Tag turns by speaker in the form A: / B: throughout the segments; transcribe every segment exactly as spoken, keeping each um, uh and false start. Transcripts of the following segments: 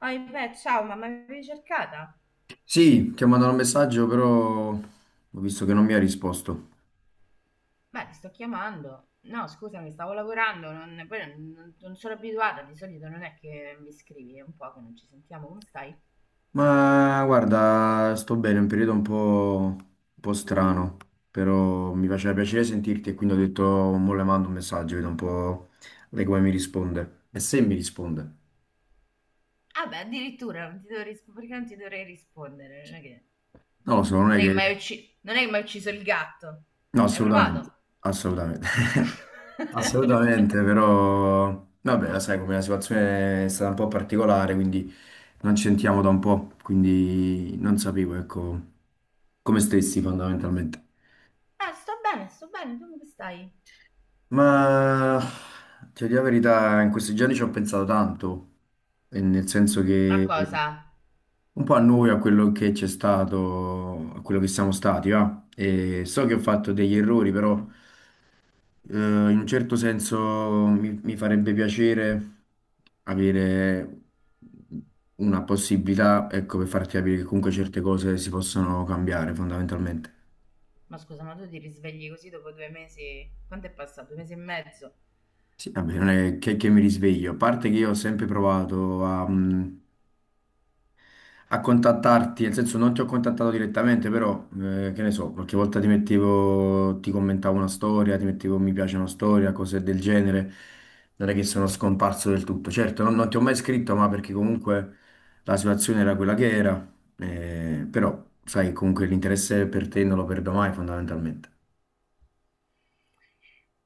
A: Oh, beh, ciao, ma mi avevi cercata?
B: Sì, ti ho mandato un messaggio, però ho visto che non mi ha risposto.
A: Beh, ti sto chiamando. No, scusami, stavo lavorando, non, poi non, non- non sono abituata, di solito non è che mi scrivi, è un po' che non ci sentiamo, come stai?
B: Ma guarda, sto bene, è un periodo un po', un po' strano, però mi faceva piacere sentirti e quindi ho detto, mo le mando un messaggio, vedo un po' lei come mi risponde. E se mi risponde?
A: Ah beh, addirittura, non ti devo risp- perché non ti dovrei rispondere? Non è che,
B: Non lo so, non è
A: non è che
B: che.
A: mi hai
B: Mm.
A: ucci- non è che mi hai ucciso il gatto.
B: No,
A: Ci hai
B: assolutamente,
A: provato?
B: assolutamente, assolutamente, però vabbè, la sai come la situazione è stata un po' particolare, quindi non ci sentiamo da un po', quindi non sapevo, ecco, come stessi fondamentalmente.
A: Ah, sto bene, sto bene, tu come stai?
B: Ma ti dico la verità, in questi giorni ci ho pensato tanto, e nel senso
A: Ma
B: che
A: cosa?
B: un po' a noi, a quello che c'è stato, a quello che siamo stati, va? E so che ho fatto degli errori, però. Eh, in un certo senso mi, mi farebbe piacere avere una possibilità, ecco, per farti capire che comunque certe cose si possono cambiare fondamentalmente.
A: Ma scusa, ma tu ti risvegli così dopo due mesi? Quanto è passato? Due mesi e mezzo?
B: Sì, vabbè, non è che, che mi risveglio, a parte che io ho sempre provato a, mm, a contattarti, nel senso non ti ho contattato direttamente, però eh, che ne so, qualche volta ti mettevo, ti commentavo una storia, ti mettevo un mi piace una storia, cose del genere, non è che sono scomparso del tutto. Certo, non, non ti ho mai scritto, ma perché comunque la situazione era quella che era, eh, però sai, comunque l'interesse per te non lo perdo mai fondamentalmente.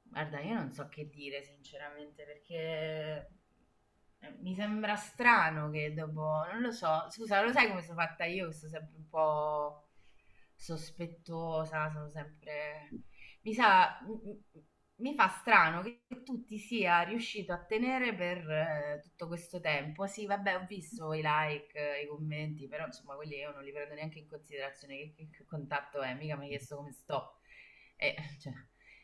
A: Guarda, io non so che dire sinceramente perché eh, mi sembra strano che dopo, non lo so, scusa, lo sai come sono fatta io, che sono sempre un po' sospettosa, sono sempre... Mi sa, mi, mi fa strano che tu ti sia riuscito a tenere per eh, tutto questo tempo. Sì, vabbè, ho visto i like, eh, i commenti, però insomma quelli io non li prendo neanche in considerazione, che, che- che contatto è, mica mi hai chiesto come sto. E, cioè,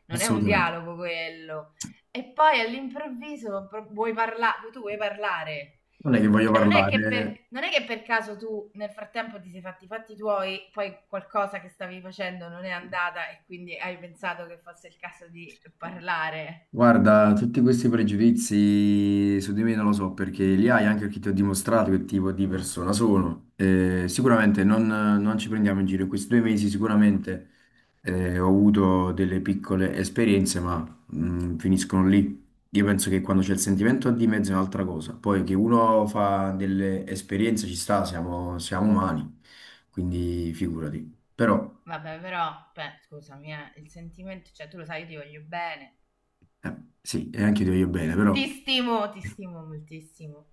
A: non è un
B: Assolutamente.
A: dialogo quello. E poi all'improvviso pro- vuoi parlare, tu vuoi parlare.
B: Non è che voglio
A: Cioè, non è, che
B: parlare.
A: per, non è che per caso tu nel frattempo ti sei fatti i fatti tuoi, poi qualcosa che stavi facendo non è andata e quindi hai pensato che fosse il caso di parlare.
B: Guarda, tutti questi pregiudizi su di me non lo so perché li hai anche perché ti ho dimostrato che tipo di persona sono. Eh, sicuramente non, non ci prendiamo in giro. In questi due mesi sicuramente eh, ho avuto delle piccole esperienze, ma mm, finiscono lì. Io penso che quando c'è il sentimento di mezzo è un'altra cosa. Poi che uno fa delle esperienze ci sta, siamo, siamo umani, quindi figurati. Però,
A: Vabbè, però, beh, scusami, eh, il sentimento, cioè tu lo sai, io ti voglio bene.
B: eh, sì, e anche io ti voglio bene, però.
A: Ti stimo, ti stimo moltissimo.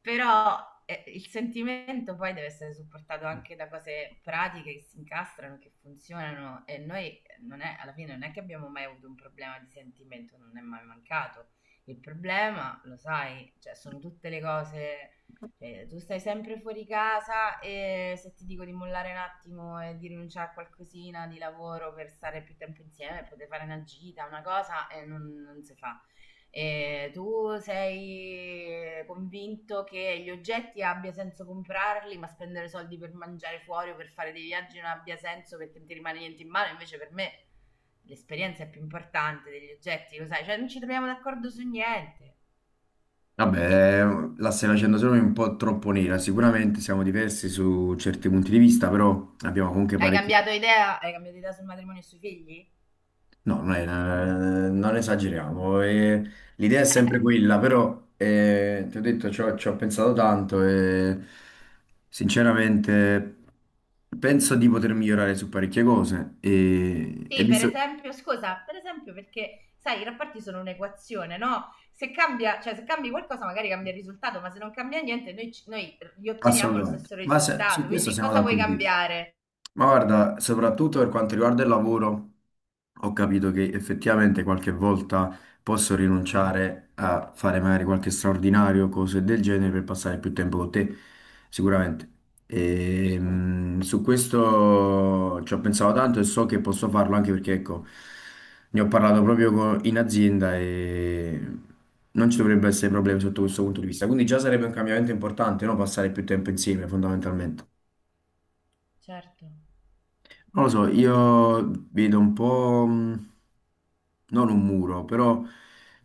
A: Però eh, il sentimento poi deve essere supportato anche da cose pratiche che si incastrano, che funzionano e noi non è, alla fine non è che abbiamo mai avuto un problema di sentimento, non è mai mancato. Il problema, lo sai, cioè, sono tutte le cose, cioè, tu stai sempre fuori casa e se ti dico di mollare un attimo e di rinunciare a qualcosina di lavoro per stare più tempo insieme, poter fare una gita, una cosa, eh, non, non si fa. E tu sei convinto che gli oggetti abbia senso comprarli, ma spendere soldi per mangiare fuori o per fare dei viaggi non abbia senso perché non ti rimane niente in mano? Invece per me l'esperienza è più importante degli oggetti, lo sai, cioè non ci troviamo d'accordo su niente.
B: Vabbè, la stai facendo solo un po' troppo nera. Sicuramente siamo diversi su certi punti di vista, però abbiamo comunque
A: Hai
B: parecchi.
A: cambiato idea? Hai cambiato idea sul matrimonio e sui figli?
B: No, non, è- non esageriamo. eh, L'idea è sempre quella, però eh, ti ho detto, ci ho, ci ho pensato tanto e sinceramente penso di poter migliorare su parecchie cose e, e
A: Sì, per
B: visto.
A: esempio, scusa, per esempio perché, sai, i rapporti sono un'equazione, no? Se cambia, cioè se cambi qualcosa magari cambia il risultato, ma se non cambia niente noi, ci- noi gli otteniamo lo
B: Assolutamente.
A: stesso
B: Ma se- su
A: risultato,
B: questo
A: quindi
B: siamo
A: cosa vuoi
B: d'accordo.
A: cambiare?
B: Ma guarda, soprattutto per quanto riguarda il lavoro, ho capito che effettivamente qualche volta posso rinunciare a fare magari qualche straordinario, cose del genere, per passare più tempo con te, sicuramente.
A: Mm.
B: E, mh, su questo ci ho pensato tanto e so che posso farlo anche perché, ecco, ne ho parlato proprio co- in azienda e non ci dovrebbe essere problemi sotto questo punto di vista. Quindi già sarebbe un cambiamento importante, no? Passare più tempo insieme, fondamentalmente.
A: Certo.
B: Non lo so, io vedo un po', mh, non un muro, però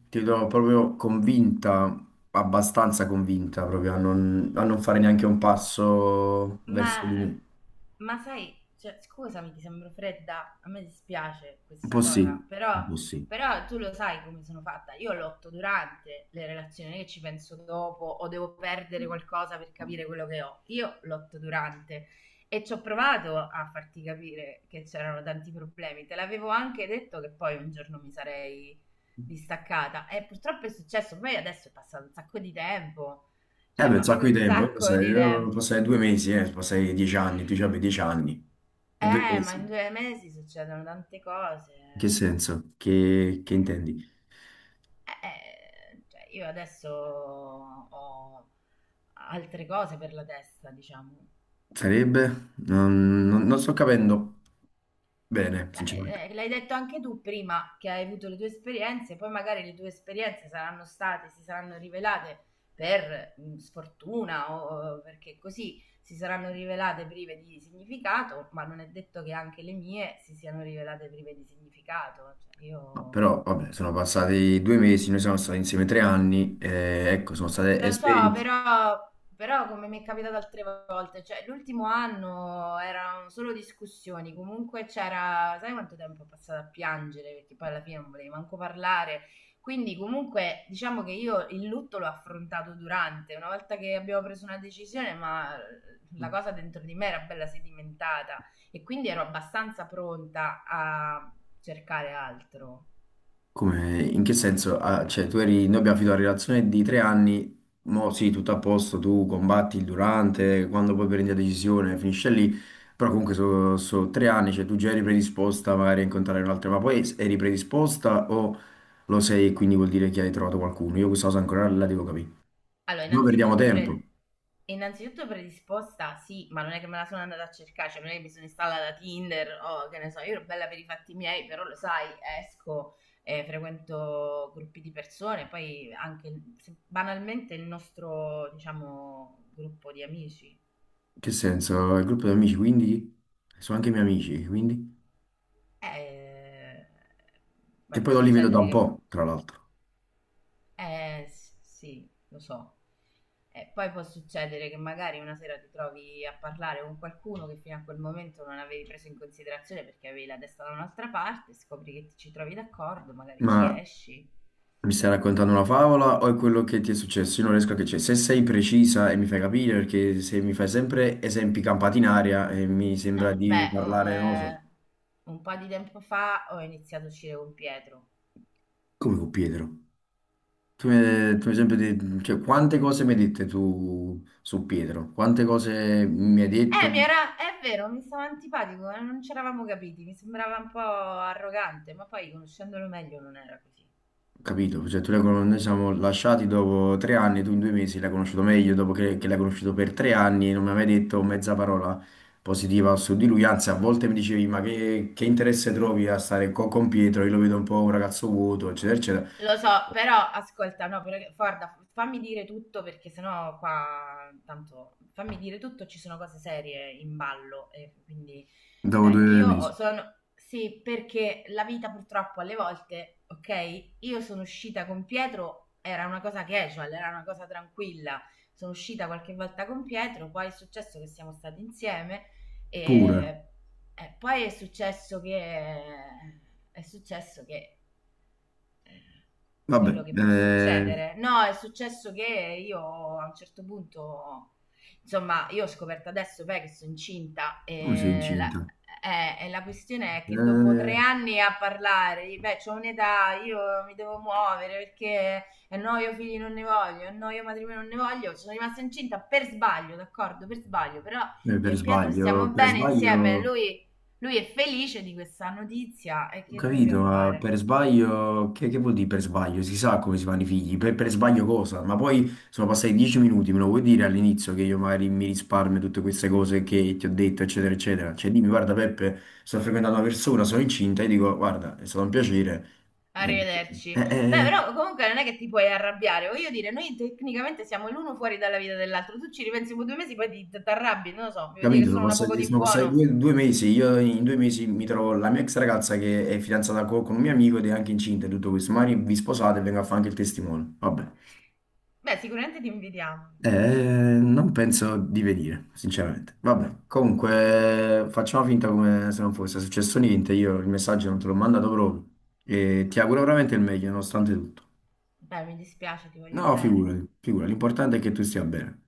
B: ti vedo proprio convinta, abbastanza convinta proprio a non, a non fare neanche un passo
A: Ma,
B: verso di me.
A: ma sai, cioè, scusami, ti sembro fredda, a me dispiace
B: Un po'
A: questa
B: sì,
A: cosa,
B: un
A: però,
B: po' sì.
A: però tu lo sai come sono fatta. Io lotto durante le relazioni, non è che ci penso dopo o devo perdere qualcosa per capire quello che ho. Io lotto durante e ci ho provato a farti capire che c'erano tanti problemi. Te l'avevo anche detto che poi un giorno mi sarei distaccata e purtroppo è successo. Poi adesso è passato un sacco di tempo,
B: Eh
A: cioè,
B: beh, un
A: ma
B: sacco
A: proprio
B: di
A: un
B: tempo, io
A: sacco
B: passai,
A: di
B: io
A: tempo.
B: passai due mesi, eh, passai dieci anni, tu avevi dieci anni, e due
A: Eh, ma
B: mesi.
A: in
B: In
A: due mesi succedono tante
B: che
A: cose.
B: senso? Che, che intendi?
A: Eh, eh, cioè, io adesso ho altre cose per la testa, diciamo.
B: Sarebbe? Non, non- non sto capendo bene, sinceramente.
A: Beh, eh, l'hai detto anche tu prima che hai avuto le tue esperienze, poi magari le tue esperienze saranno state, si saranno rivelate per mh, sfortuna o o perché così si saranno rivelate prive di significato, ma non è detto che anche le mie si siano rivelate prive di significato. Cioè,
B: No,
A: io.
B: però vabbè, sono passati due mesi, noi siamo stati insieme tre anni, eh, ecco, sono state
A: Lo so,
B: esperienze.
A: però, però come mi è capitato altre volte, cioè l'ultimo anno erano solo discussioni, comunque c'era, sai quanto tempo ho passato a piangere, perché poi alla fine non volevi manco parlare, quindi comunque diciamo che io il lutto l'ho affrontato durante, una volta che abbiamo preso una decisione, ma la cosa dentro di me era bella sedimentata e quindi ero abbastanza pronta a cercare altro.
B: Come, in che senso? Ah, cioè, tu eri, noi abbiamo finito la relazione di tre anni, mo sì, tutto a posto, tu combatti il durante, quando poi prendi la decisione finisce lì, però comunque sono tre anni, cioè tu già eri predisposta magari a incontrare un'altra, ma poi eri predisposta o lo sei e quindi vuol dire che hai trovato qualcuno? Io questa cosa ancora la devo capire.
A: Allora,
B: Noi perdiamo
A: innanzitutto,
B: tempo, in
A: pre- innanzitutto predisposta, sì, ma non è che me la sono andata a cercare, cioè non è che mi sono installata Tinder o che ne so, io ero bella per i fatti miei, però lo sai, esco, eh, frequento gruppi di persone, poi anche se- banalmente il nostro, diciamo, gruppo di amici.
B: che senso? Il gruppo di amici, quindi? Sono anche i miei amici, quindi?
A: Eh,
B: Che
A: Poi può
B: poi non li vedo da
A: succedere
B: un
A: che.
B: po', tra l'altro.
A: Eh, s- sì, lo so. E poi può succedere che magari una sera ti trovi a parlare con qualcuno che fino a quel momento non avevi preso in considerazione perché avevi la testa da un'altra parte, scopri che ti- ci trovi d'accordo, magari ci
B: Ma
A: esci.
B: mi stai raccontando una favola o è quello che ti è successo? Io non riesco a capire. Se sei precisa e mi fai capire, perché se mi fai sempre esempi campati in aria e mi
A: No,
B: sembra di
A: beh, o-
B: parlare, non lo
A: eh,
B: so,
A: un po' di tempo fa ho iniziato a uscire con Pietro.
B: come con Pietro. Tu mi,
A: Eh,
B: tu mi hai sempre detto, cioè, quante cose mi hai dette tu su Pietro? Quante cose mi hai
A: Eh,
B: detto?
A: Eh, mi era, è vero, mi stava antipatico, eh, non ci eravamo capiti, mi sembrava un po' arrogante, ma poi conoscendolo meglio non era così.
B: Capito? Cioè, tu l'hai con- noi siamo lasciati dopo tre anni, tu in due mesi l'hai conosciuto meglio dopo che, che l'hai conosciuto per tre anni e non mi hai mai detto mezza parola positiva su di lui, anzi a volte mi dicevi ma che, che interesse trovi a stare co- con Pietro, io lo vedo un po' un ragazzo vuoto, eccetera, eccetera.
A: Lo so, però ascolta, no, però, guarda, fammi dire tutto perché sennò qua, tanto, fammi dire tutto, ci sono cose serie in ballo e quindi
B: Dopo
A: cioè,
B: due
A: io ho-
B: mesi,
A: sono, sì, perché la vita purtroppo alle volte, ok, io sono uscita con Pietro, era una cosa casual, era una cosa tranquilla, sono uscita qualche volta con Pietro, poi è successo che siamo stati insieme
B: pure.
A: e, e poi è successo che, è successo che
B: Vabbè,
A: quello che può
B: eh,
A: succedere. No, è successo che io a un certo punto, insomma, io ho scoperto adesso beh, che sono incinta
B: come sei
A: e la,
B: incinta?
A: eh, e la questione è che dopo tre
B: Eh,
A: anni a parlare, di, beh, c'ho un'età, io mi devo muovere perché eh, no, io figli non ne voglio, eh, no, io matrimonio non ne voglio, sono rimasta incinta per sbaglio, d'accordo, per sbaglio, però
B: eh,
A: io
B: per
A: e Pietro stiamo
B: sbaglio, per
A: bene insieme,
B: sbaglio.
A: lui, lui è felice di questa notizia e
B: Ho
A: che
B: capito,
A: dobbiamo
B: ma
A: fare?
B: per sbaglio, che, che vuol dire per sbaglio? Si sa come si fanno i figli, per, per sbaglio cosa? Ma poi sono passati dieci minuti, me lo vuoi dire all'inizio che io magari mi risparmio tutte queste cose che ti ho detto, eccetera, eccetera. Cioè dimmi, guarda Peppe, sto frequentando una persona, sono incinta, e dico, guarda, è stato un piacere. Eh,
A: Arrivederci.
B: eh,
A: Beh,
B: eh,
A: però comunque non è che ti puoi arrabbiare. Voglio dire, noi tecnicamente siamo l'uno fuori dalla vita dell'altro. Tu ci ripensi per due mesi, poi ti ti arrabbi. Non lo so, mi vuoi dire che
B: capito, sono
A: sono una poco
B: passati,
A: di
B: sono passati
A: buono.
B: due, due mesi, io in due mesi mi trovo la mia ex ragazza che è fidanzata co- con, un mio amico ed è anche incinta e tutto questo, magari vi sposate e vengo a fare anche il testimone. Vabbè.
A: Beh, sicuramente ti invidiamo.
B: Eh, non penso di venire, sinceramente. Vabbè, comunque facciamo finta come se non fosse successo niente. Io il messaggio non te l'ho mandato proprio e ti auguro veramente il meglio, nonostante tutto.
A: Beh, mi dispiace, ti voglio
B: No,
A: bene.
B: figurati, figurati, l'importante è che tu stia bene.